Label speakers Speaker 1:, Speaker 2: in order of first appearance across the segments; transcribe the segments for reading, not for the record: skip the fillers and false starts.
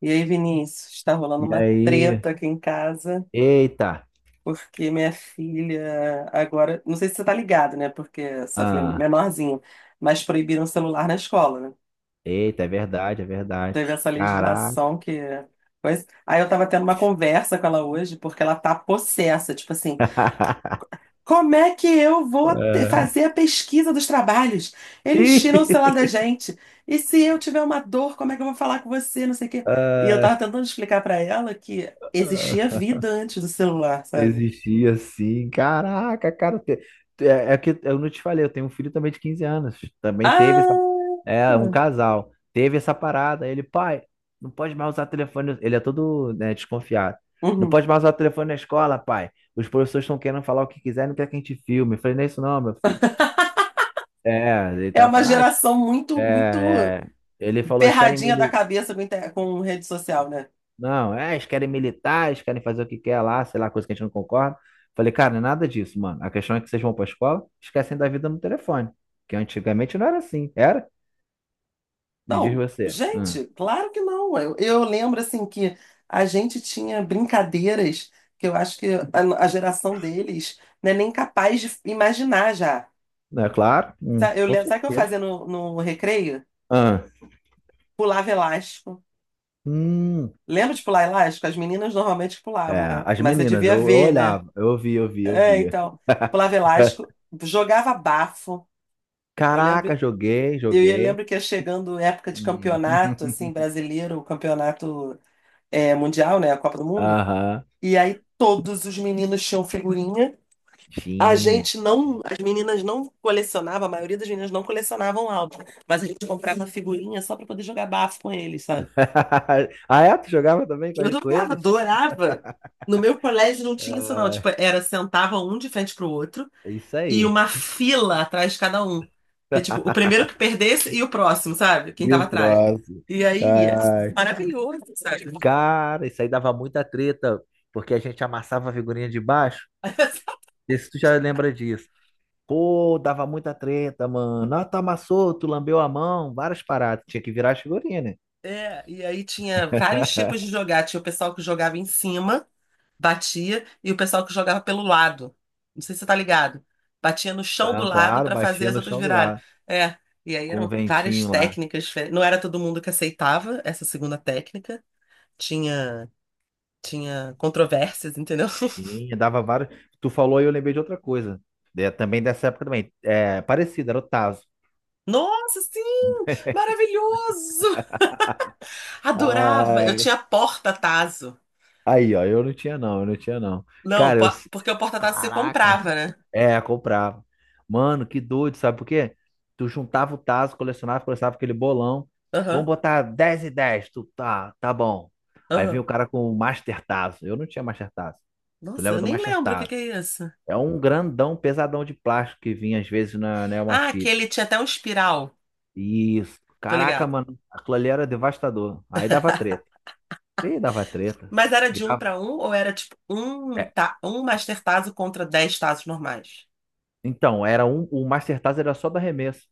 Speaker 1: E aí, Vinícius, está rolando
Speaker 2: E
Speaker 1: uma
Speaker 2: aí?
Speaker 1: treta aqui em casa,
Speaker 2: Eita!
Speaker 1: porque minha filha agora, não sei se você tá ligado, né? Porque sua filha é
Speaker 2: Ah,
Speaker 1: menorzinha, mas proibiram o celular na escola, né?
Speaker 2: eita, é verdade, é verdade.
Speaker 1: Teve essa
Speaker 2: Caraca!
Speaker 1: legislação que coisa. Aí eu tava tendo uma conversa com ela hoje, porque ela tá possessa, tipo assim, como é que eu vou
Speaker 2: Ah,
Speaker 1: fazer a pesquisa dos trabalhos? Eles tiram o celular
Speaker 2: ih,
Speaker 1: da gente. E se eu tiver uma dor, como é que eu vou falar com você? Não sei o quê. E eu
Speaker 2: ah,
Speaker 1: tava tentando explicar pra ela que existia
Speaker 2: ah,
Speaker 1: vida antes do celular, sabe?
Speaker 2: existia assim. Caraca, cara. É que eu não te falei, eu tenho um filho também de 15 anos. Também teve essa.
Speaker 1: Ah!
Speaker 2: É, um casal. Teve essa parada. Ele, pai, não pode mais usar telefone. Ele é todo, né, desconfiado. Não
Speaker 1: Uhum.
Speaker 2: pode mais usar telefone na escola, pai. Os professores estão querendo falar o que quiser, não quer que a gente filme. Eu falei, não é isso não, meu filho. É, ele
Speaker 1: É
Speaker 2: tá
Speaker 1: uma
Speaker 2: falando, ah,
Speaker 1: geração muito, muito
Speaker 2: é, é. Ele falou, eles querem
Speaker 1: ferradinha da
Speaker 2: militar.
Speaker 1: cabeça com rede social, né?
Speaker 2: Não, é, eles querem militar, eles querem fazer o que quer lá, sei lá, coisa que a gente não concorda. Falei, cara, não é nada disso, mano. A questão é que vocês vão pra escola, esquecem da vida no telefone. Que antigamente não era assim, era? Me diz
Speaker 1: Não,
Speaker 2: você. Hum.
Speaker 1: gente, claro que não. Eu lembro assim que a gente tinha brincadeiras que eu acho que a geração deles não é nem capaz de imaginar já.
Speaker 2: Não é claro?
Speaker 1: Eu
Speaker 2: Com
Speaker 1: lembro, sabe o que eu
Speaker 2: certeza.
Speaker 1: fazia no recreio?
Speaker 2: Ah,
Speaker 1: Pulava elástico.
Speaker 2: hum.
Speaker 1: Lembra de pular elástico? As meninas normalmente
Speaker 2: É,
Speaker 1: pulavam, né?
Speaker 2: as
Speaker 1: Mas você
Speaker 2: meninas, eu,
Speaker 1: devia
Speaker 2: eu
Speaker 1: ver, né?
Speaker 2: olhava, eu via, eu via, eu
Speaker 1: É,
Speaker 2: via.
Speaker 1: então, pulava elástico, jogava bafo. Eu
Speaker 2: Caraca,
Speaker 1: lembro,
Speaker 2: joguei, joguei.
Speaker 1: lembro que ia chegando época de
Speaker 2: Hum.
Speaker 1: campeonato, assim, brasileiro, o campeonato mundial, né? A Copa do Mundo.
Speaker 2: Aham.
Speaker 1: E aí todos os meninos tinham figurinha. A
Speaker 2: Tinha,
Speaker 1: gente não, as meninas não colecionavam, a maioria das meninas não colecionavam álbum, mas a gente comprava figurinha só para poder jogar bafo com eles, sabe?
Speaker 2: ah, é? Tu jogava também com
Speaker 1: Eu
Speaker 2: com
Speaker 1: jogava,
Speaker 2: eles?
Speaker 1: adorava. No meu colégio não tinha isso não, tipo, era sentava um de frente pro outro
Speaker 2: É isso
Speaker 1: e
Speaker 2: aí.
Speaker 1: uma fila atrás de cada um. Que tipo, o primeiro que perdesse e o próximo, sabe? Quem
Speaker 2: E
Speaker 1: tava
Speaker 2: o
Speaker 1: atrás.
Speaker 2: próximo?
Speaker 1: E aí,
Speaker 2: Ai,
Speaker 1: é
Speaker 2: ai.
Speaker 1: maravilhoso, sabe?
Speaker 2: Cara, isso aí dava muita treta, porque a gente amassava a figurinha de baixo. Não sei se tu já lembra disso. Pô, dava muita treta, mano. Ah, tu amassou, tu lambeu a mão, várias paradas. Tinha que virar as figurinhas, né?
Speaker 1: É, e aí tinha vários tipos de jogar. Tinha o pessoal que jogava em cima batia e o pessoal que jogava pelo lado. Não sei se você tá ligado. Batia no chão do
Speaker 2: Não,
Speaker 1: lado
Speaker 2: claro,
Speaker 1: para fazer
Speaker 2: batia
Speaker 1: as
Speaker 2: no
Speaker 1: outras
Speaker 2: chão do
Speaker 1: virarem.
Speaker 2: lado,
Speaker 1: É, e aí
Speaker 2: com o
Speaker 1: eram várias
Speaker 2: ventinho lá.
Speaker 1: técnicas diferentes. Não era todo mundo que aceitava essa segunda técnica. Tinha tinha controvérsias, entendeu?
Speaker 2: Tinha, dava vários. Tu falou e eu lembrei de outra coisa. É, também dessa época também. É, parecido, era o Tazo.
Speaker 1: Nossa, sim! Maravilhoso! Adorava. Eu
Speaker 2: Ai,
Speaker 1: tinha porta-tazo.
Speaker 2: aí, ó, eu não tinha não, eu não tinha não.
Speaker 1: Não,
Speaker 2: Cara, eu.
Speaker 1: porque o porta-tazo você
Speaker 2: Caraca.
Speaker 1: comprava, né?
Speaker 2: É, comprava. Mano, que doido, sabe por quê? Tu juntava o tazo, colecionava, colecionava aquele bolão. Vamos
Speaker 1: Aham,
Speaker 2: botar 10 e 10. Tu, tá, tá bom. Aí vinha
Speaker 1: aham.
Speaker 2: o cara com o Master Tazo. Eu não tinha Master Tazo. Tu
Speaker 1: Nossa,
Speaker 2: leva
Speaker 1: eu
Speaker 2: do
Speaker 1: nem
Speaker 2: Master
Speaker 1: lembro o que
Speaker 2: Tazo.
Speaker 1: que é isso.
Speaker 2: É um grandão, pesadão de plástico que vinha às vezes na Nelma
Speaker 1: Ah,
Speaker 2: Chips.
Speaker 1: aquele tinha até um espiral.
Speaker 2: Isso.
Speaker 1: Tô
Speaker 2: Caraca,
Speaker 1: ligado.
Speaker 2: mano, aquilo ali era devastador. Aí dava treta. Ih, dava treta.
Speaker 1: Mas era de um
Speaker 2: Virava.
Speaker 1: para um ou era tipo um, ta um Master Tazo contra 10 Tazos normais?
Speaker 2: Então, era um, o Master Tazo era só do arremesso.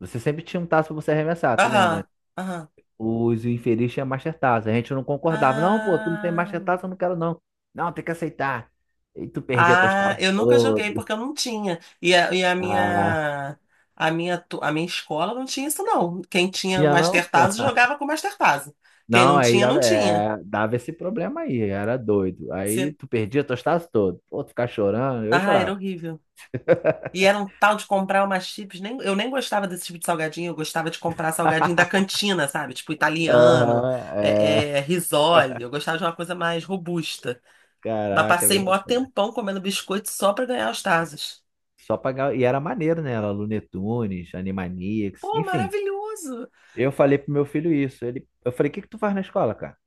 Speaker 2: Você sempre tinha um tazo pra você arremessar, tu
Speaker 1: Aham,
Speaker 2: lembra?
Speaker 1: aham.
Speaker 2: Os infeliz tinham Master Tazo. A gente não concordava. Não, pô, tu não tem
Speaker 1: Ah,
Speaker 2: Master Tazo, eu não quero não. Não, tem que aceitar. E tu perdia teus
Speaker 1: ah,
Speaker 2: tazos
Speaker 1: eu nunca joguei
Speaker 2: todos.
Speaker 1: porque eu não tinha.
Speaker 2: Ah,
Speaker 1: A minha escola não tinha isso não. Quem tinha o
Speaker 2: tinha não?
Speaker 1: Master Tazo jogava com o Master Tazo. Quem
Speaker 2: Não,
Speaker 1: não
Speaker 2: aí
Speaker 1: tinha, não
Speaker 2: dava,
Speaker 1: tinha.
Speaker 2: é, dava esse problema aí, era doido. Aí
Speaker 1: Se-
Speaker 2: tu perdia teus tazos todos. Pô, tu ficava chorando, eu
Speaker 1: Ah, era
Speaker 2: chorava.
Speaker 1: horrível. E era um tal de comprar umas chips. Nem, eu nem gostava desse tipo de salgadinho, eu gostava de comprar salgadinho da cantina, sabe? Tipo italiano,
Speaker 2: Aham, é.
Speaker 1: risole. Eu gostava de uma coisa mais robusta. Mas
Speaker 2: Caraca,
Speaker 1: passei
Speaker 2: velho.
Speaker 1: mó tempão comendo biscoito só pra ganhar os Tazos.
Speaker 2: Só pagar. E era maneiro, né? Era Looney Tunes, Animaniacs,
Speaker 1: Pô,
Speaker 2: enfim.
Speaker 1: maravilhoso!
Speaker 2: Eu falei pro meu filho isso. Ele, eu falei, o que que tu faz na escola, cara?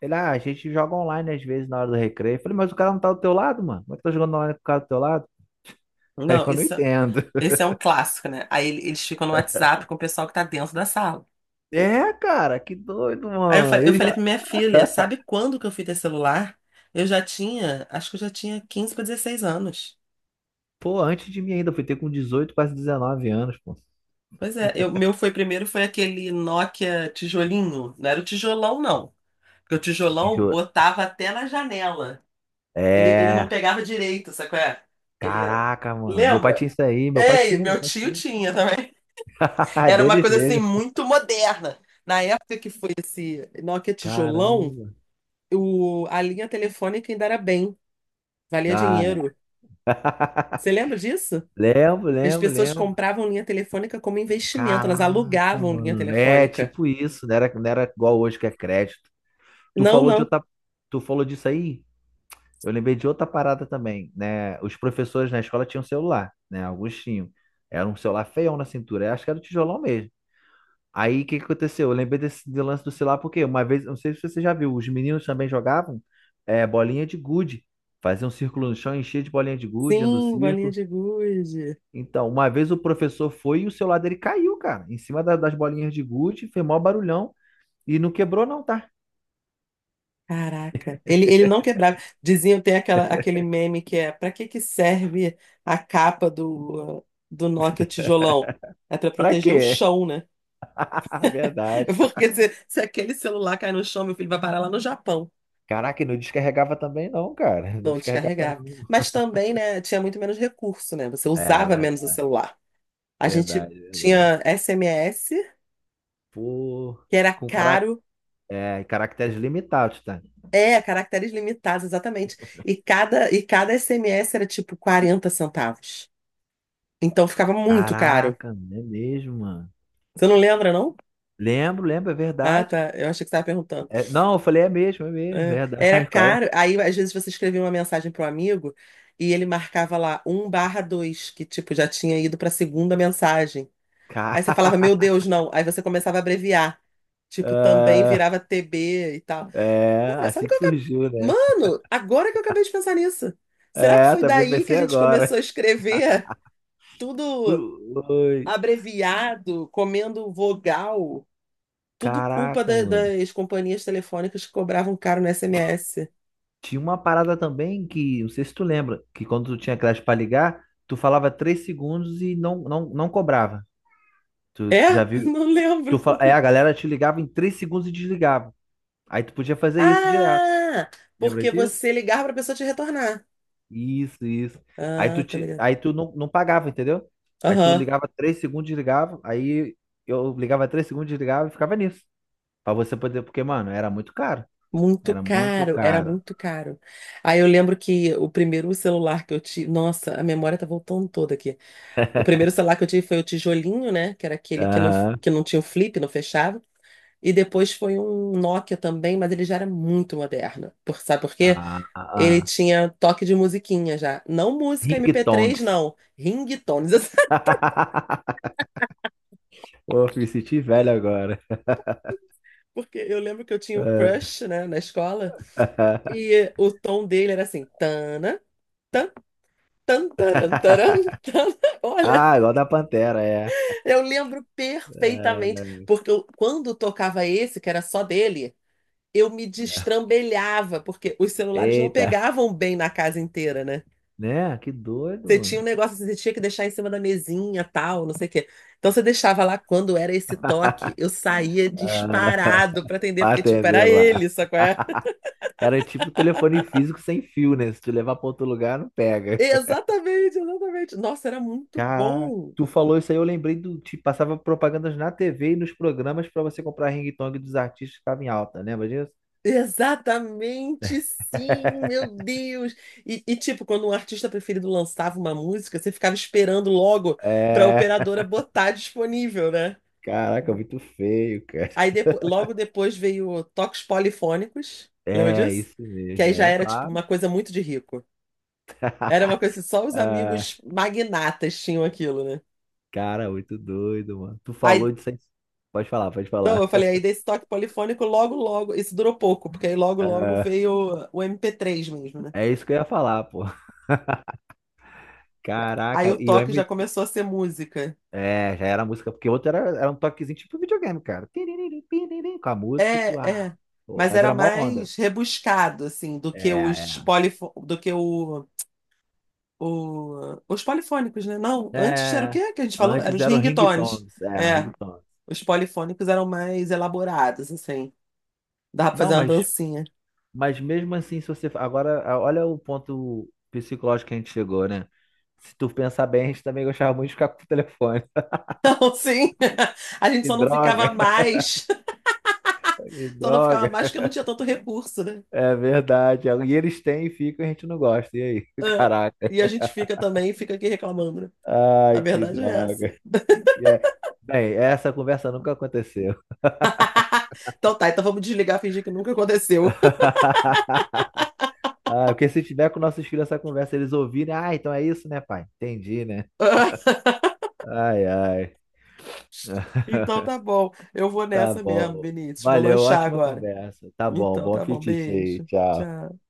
Speaker 2: Ele, ah, a gente joga online às vezes na hora do recreio. Eu falei, mas o cara não tá do teu lado, mano? Como é que tá jogando online com o cara do teu lado? Aí
Speaker 1: Não,
Speaker 2: eu não
Speaker 1: isso,
Speaker 2: entendo.
Speaker 1: esse é um clássico, né? Aí eles ficam no WhatsApp com o pessoal que tá dentro da sala.
Speaker 2: É, cara, que doido,
Speaker 1: Aí eu, fa-
Speaker 2: mano.
Speaker 1: eu
Speaker 2: Ele
Speaker 1: falei
Speaker 2: já,
Speaker 1: pra minha filha, sabe quando que eu fui ter celular? Eu já tinha, acho que eu já tinha 15 para 16 anos.
Speaker 2: pô, antes de mim ainda, foi ter com 18, quase 19 anos, pô.
Speaker 1: Pois é, meu foi primeiro foi aquele Nokia tijolinho. Não era o tijolão, não. Porque o tijolão
Speaker 2: Juro.
Speaker 1: botava até na janela. Ele não
Speaker 2: É,
Speaker 1: pegava direito, sabe qual é? Ele era.
Speaker 2: caraca, mano. Meu pai
Speaker 1: Lembra?
Speaker 2: tinha isso aí, meu pai
Speaker 1: É, e
Speaker 2: tinha, meu
Speaker 1: meu
Speaker 2: pai
Speaker 1: tio
Speaker 2: tinha.
Speaker 1: tinha também. Era uma
Speaker 2: Deles
Speaker 1: coisa assim
Speaker 2: mesmo.
Speaker 1: muito moderna. Na época que foi esse Nokia tijolão,
Speaker 2: Caramba.
Speaker 1: a linha telefônica ainda era bem, valia
Speaker 2: Ah, é.
Speaker 1: dinheiro. Você lembra disso?
Speaker 2: Lembro,
Speaker 1: As
Speaker 2: lembro,
Speaker 1: pessoas
Speaker 2: lembro.
Speaker 1: compravam linha telefônica como investimento, elas
Speaker 2: Caraca,
Speaker 1: alugavam linha
Speaker 2: mano. É
Speaker 1: telefônica.
Speaker 2: tipo isso, não era igual hoje que é crédito. Tu
Speaker 1: Não,
Speaker 2: falou de
Speaker 1: não.
Speaker 2: outra, Tu falou disso aí? Eu lembrei de outra parada também, né? Os professores na escola tinham celular, né? Alguns tinham. Era um celular feião na cintura, eu acho que era o tijolão mesmo. Aí o que que aconteceu? Eu lembrei desse do lance do celular porque uma vez, eu não sei se você já viu, os meninos também jogavam bolinha de gude. Faziam um círculo no chão, enchia de bolinha de gude dentro do
Speaker 1: Sim, bolinha
Speaker 2: círculo.
Speaker 1: de gude.
Speaker 2: Então, uma vez o professor foi e o celular dele caiu, cara, em cima das bolinhas de gude, fez maior barulhão e não quebrou não, tá?
Speaker 1: Caraca, ele não quebrava. Diziam, tem aquela, aquele meme que é para que que serve a capa do Nokia tijolão? É para
Speaker 2: Pra
Speaker 1: proteger o
Speaker 2: quê?
Speaker 1: chão, né?
Speaker 2: Verdade.
Speaker 1: Porque se aquele celular cai no chão, meu filho vai parar lá no Japão.
Speaker 2: Caraca, e não descarregava também não, cara. Não
Speaker 1: Não
Speaker 2: descarregava
Speaker 1: descarregava.
Speaker 2: não.
Speaker 1: Mas também, né, tinha muito menos recurso, né? Você
Speaker 2: É,
Speaker 1: usava
Speaker 2: verdade,
Speaker 1: menos o celular. A gente
Speaker 2: verdade, verdade.
Speaker 1: tinha SMS,
Speaker 2: Pô,
Speaker 1: que era
Speaker 2: com carac...
Speaker 1: caro.
Speaker 2: é, caracteres limitados, tá?
Speaker 1: É, caracteres limitados, exatamente. E cada SMS era tipo 40 centavos. Então ficava muito caro.
Speaker 2: Caraca, não é mesmo, mano.
Speaker 1: Você não lembra, não?
Speaker 2: Lembro, lembro, é
Speaker 1: Ah,
Speaker 2: verdade.
Speaker 1: tá. Eu achei que você estava perguntando.
Speaker 2: É, não, eu falei, é mesmo, é mesmo, é verdade.
Speaker 1: Era
Speaker 2: Agora,
Speaker 1: caro. Aí, às vezes, você escrevia uma mensagem para um amigo e ele marcava lá 1/2 que tipo já tinha ido para a segunda mensagem. Aí você falava,
Speaker 2: cara,
Speaker 1: meu Deus, não. Aí você começava a abreviar. Tipo, também
Speaker 2: ah,
Speaker 1: virava TB e tal.
Speaker 2: é
Speaker 1: Cara, sabe
Speaker 2: assim
Speaker 1: o que
Speaker 2: que
Speaker 1: eu acabei...
Speaker 2: surgiu, né?
Speaker 1: Mano, agora que eu acabei de pensar nisso. Será que
Speaker 2: É,
Speaker 1: foi
Speaker 2: tá
Speaker 1: daí que a
Speaker 2: PPC
Speaker 1: gente começou
Speaker 2: agora.
Speaker 1: a escrever tudo
Speaker 2: Ui,
Speaker 1: abreviado, comendo vogal? Tudo culpa
Speaker 2: caraca, mano.
Speaker 1: das companhias telefônicas que cobravam caro no SMS.
Speaker 2: Tinha uma parada também que, não sei se tu lembra, que quando tu tinha crédito pra ligar, tu falava 3 segundos e não cobrava. Tu
Speaker 1: É?
Speaker 2: já viu?
Speaker 1: Não lembro.
Speaker 2: A galera te ligava em 3 segundos e desligava. Aí tu podia fazer isso direto.
Speaker 1: Ah,
Speaker 2: Lembra
Speaker 1: porque
Speaker 2: disso?
Speaker 1: você ligava pra pessoa te retornar.
Speaker 2: Isso, isso. Aí tu,
Speaker 1: Ah, tô
Speaker 2: te,
Speaker 1: ligado.
Speaker 2: aí tu não pagava, entendeu? Aí tu ligava 3 segundos, desligava. Aí eu ligava 3 segundos, desligava e ficava nisso. Pra você poder, porque, mano, era muito caro.
Speaker 1: Muito
Speaker 2: Era muito
Speaker 1: caro, era
Speaker 2: caro.
Speaker 1: muito caro. Aí eu lembro que o primeiro celular que eu tive. Nossa, a memória tá voltando toda aqui. O primeiro celular que eu tive foi o tijolinho, né? Que era aquele que não,
Speaker 2: Aham.
Speaker 1: que não tinha o flip, não fechava. E depois foi um Nokia também, mas ele já era muito moderno. Sabe por quê?
Speaker 2: Ah, ah,
Speaker 1: Ele
Speaker 2: ah.
Speaker 1: tinha toque de musiquinha já. Não música
Speaker 2: Ring
Speaker 1: MP3,
Speaker 2: Tongs.
Speaker 1: não. Ringtones.
Speaker 2: Pô, me senti velho agora.
Speaker 1: Porque eu lembro que eu tinha um crush, né, na escola.
Speaker 2: Ah,
Speaker 1: E o tom dele era assim: tana. Tan, taran, taran, tan. Olha,
Speaker 2: ah, igual da Pantera, é.
Speaker 1: eu lembro
Speaker 2: Ah,
Speaker 1: perfeitamente, porque quando tocava esse, que era só dele, eu me destrambelhava, porque os celulares não
Speaker 2: eita,
Speaker 1: pegavam bem na casa inteira, né?
Speaker 2: né? Que doido,
Speaker 1: Você tinha um
Speaker 2: mano.
Speaker 1: negócio assim, você tinha que deixar em cima da mesinha, tal, não sei o quê. Então você deixava lá quando era esse toque, eu saía
Speaker 2: Ah,
Speaker 1: disparado pra atender,
Speaker 2: pra
Speaker 1: porque tipo,
Speaker 2: atender
Speaker 1: era
Speaker 2: lá.
Speaker 1: ele, sacou? É?
Speaker 2: Era tipo telefone físico sem fio, né? Se tu levar pra outro lugar, não pega.
Speaker 1: Exatamente, exatamente. Nossa, era muito
Speaker 2: Caraca,
Speaker 1: bom.
Speaker 2: tu falou isso aí, eu lembrei do. Te passava propagandas na TV e nos programas pra você comprar ringtone dos artistas que estavam em alta, lembra disso?
Speaker 1: Exatamente, sim, meu Deus. E, tipo, quando um artista preferido lançava uma música, você ficava esperando logo para a
Speaker 2: É.
Speaker 1: operadora botar disponível, né?
Speaker 2: Caraca, muito feio, cara.
Speaker 1: Aí logo depois veio o Toques Polifônicos, lembra
Speaker 2: É,
Speaker 1: disso?
Speaker 2: isso
Speaker 1: Que
Speaker 2: mesmo,
Speaker 1: aí já
Speaker 2: né?
Speaker 1: era tipo
Speaker 2: Claro.
Speaker 1: uma coisa muito de rico. Era uma coisa que só os
Speaker 2: Ah,
Speaker 1: amigos magnatas tinham aquilo, né?
Speaker 2: cara, muito doido, mano. Tu falou
Speaker 1: Aí,
Speaker 2: disso aí. Pode falar, pode
Speaker 1: não, eu
Speaker 2: falar.
Speaker 1: falei, aí desse toque polifônico, logo, logo, isso durou pouco, porque aí logo, logo
Speaker 2: Ah,
Speaker 1: veio o MP3 mesmo, né?
Speaker 2: é isso que eu ia falar, pô.
Speaker 1: Aí
Speaker 2: Caraca,
Speaker 1: o
Speaker 2: e o
Speaker 1: toque já
Speaker 2: M...
Speaker 1: começou a ser música.
Speaker 2: É, já era a música, porque o outro era um toquezinho tipo videogame, cara. Tiriri, piriri, com a música e tu...
Speaker 1: É,
Speaker 2: Ah,
Speaker 1: é.
Speaker 2: pô,
Speaker 1: Mas
Speaker 2: mas
Speaker 1: era
Speaker 2: era mó onda.
Speaker 1: mais rebuscado, assim, do que
Speaker 2: É,
Speaker 1: os polifônicos, né? Não, antes era o
Speaker 2: é. É,
Speaker 1: quê que a gente falou? Eram
Speaker 2: antes
Speaker 1: os
Speaker 2: era o
Speaker 1: ringtones.
Speaker 2: ringtones, é,
Speaker 1: É,
Speaker 2: ringtones.
Speaker 1: os polifônicos eram mais elaborados, assim. Dava pra
Speaker 2: Não,
Speaker 1: fazer uma
Speaker 2: mas
Speaker 1: dancinha.
Speaker 2: Mas mesmo assim, se você. Agora, olha o ponto psicológico que a gente chegou, né? Se tu pensar bem, a gente também gostava muito de ficar com o telefone.
Speaker 1: Então, sim, a gente
Speaker 2: E
Speaker 1: só não
Speaker 2: droga,
Speaker 1: ficava mais,
Speaker 2: e
Speaker 1: só não ficava
Speaker 2: droga.
Speaker 1: mais porque não tinha tanto recurso, né?
Speaker 2: É verdade. E eles têm e ficam e a gente não gosta. E aí?
Speaker 1: É.
Speaker 2: Caraca.
Speaker 1: E a gente fica também, fica aqui reclamando, né? A
Speaker 2: Ai, que
Speaker 1: verdade é essa.
Speaker 2: droga. E é- Bem, essa conversa nunca aconteceu.
Speaker 1: Então tá, então vamos desligar, fingir que nunca aconteceu.
Speaker 2: Ah, porque se tiver com nossos filhos essa conversa, eles ouvirem, ah, então é isso, né, pai? Entendi, né? Ai, ai.
Speaker 1: Então tá bom. Eu vou
Speaker 2: Tá
Speaker 1: nessa mesmo,
Speaker 2: bom.
Speaker 1: Vinícius. Vou
Speaker 2: Valeu,
Speaker 1: lanchar
Speaker 2: ótima
Speaker 1: agora.
Speaker 2: conversa. Tá bom,
Speaker 1: Então
Speaker 2: bom
Speaker 1: tá bom.
Speaker 2: apetite aí.
Speaker 1: Beijo.
Speaker 2: Tchau.
Speaker 1: Tchau.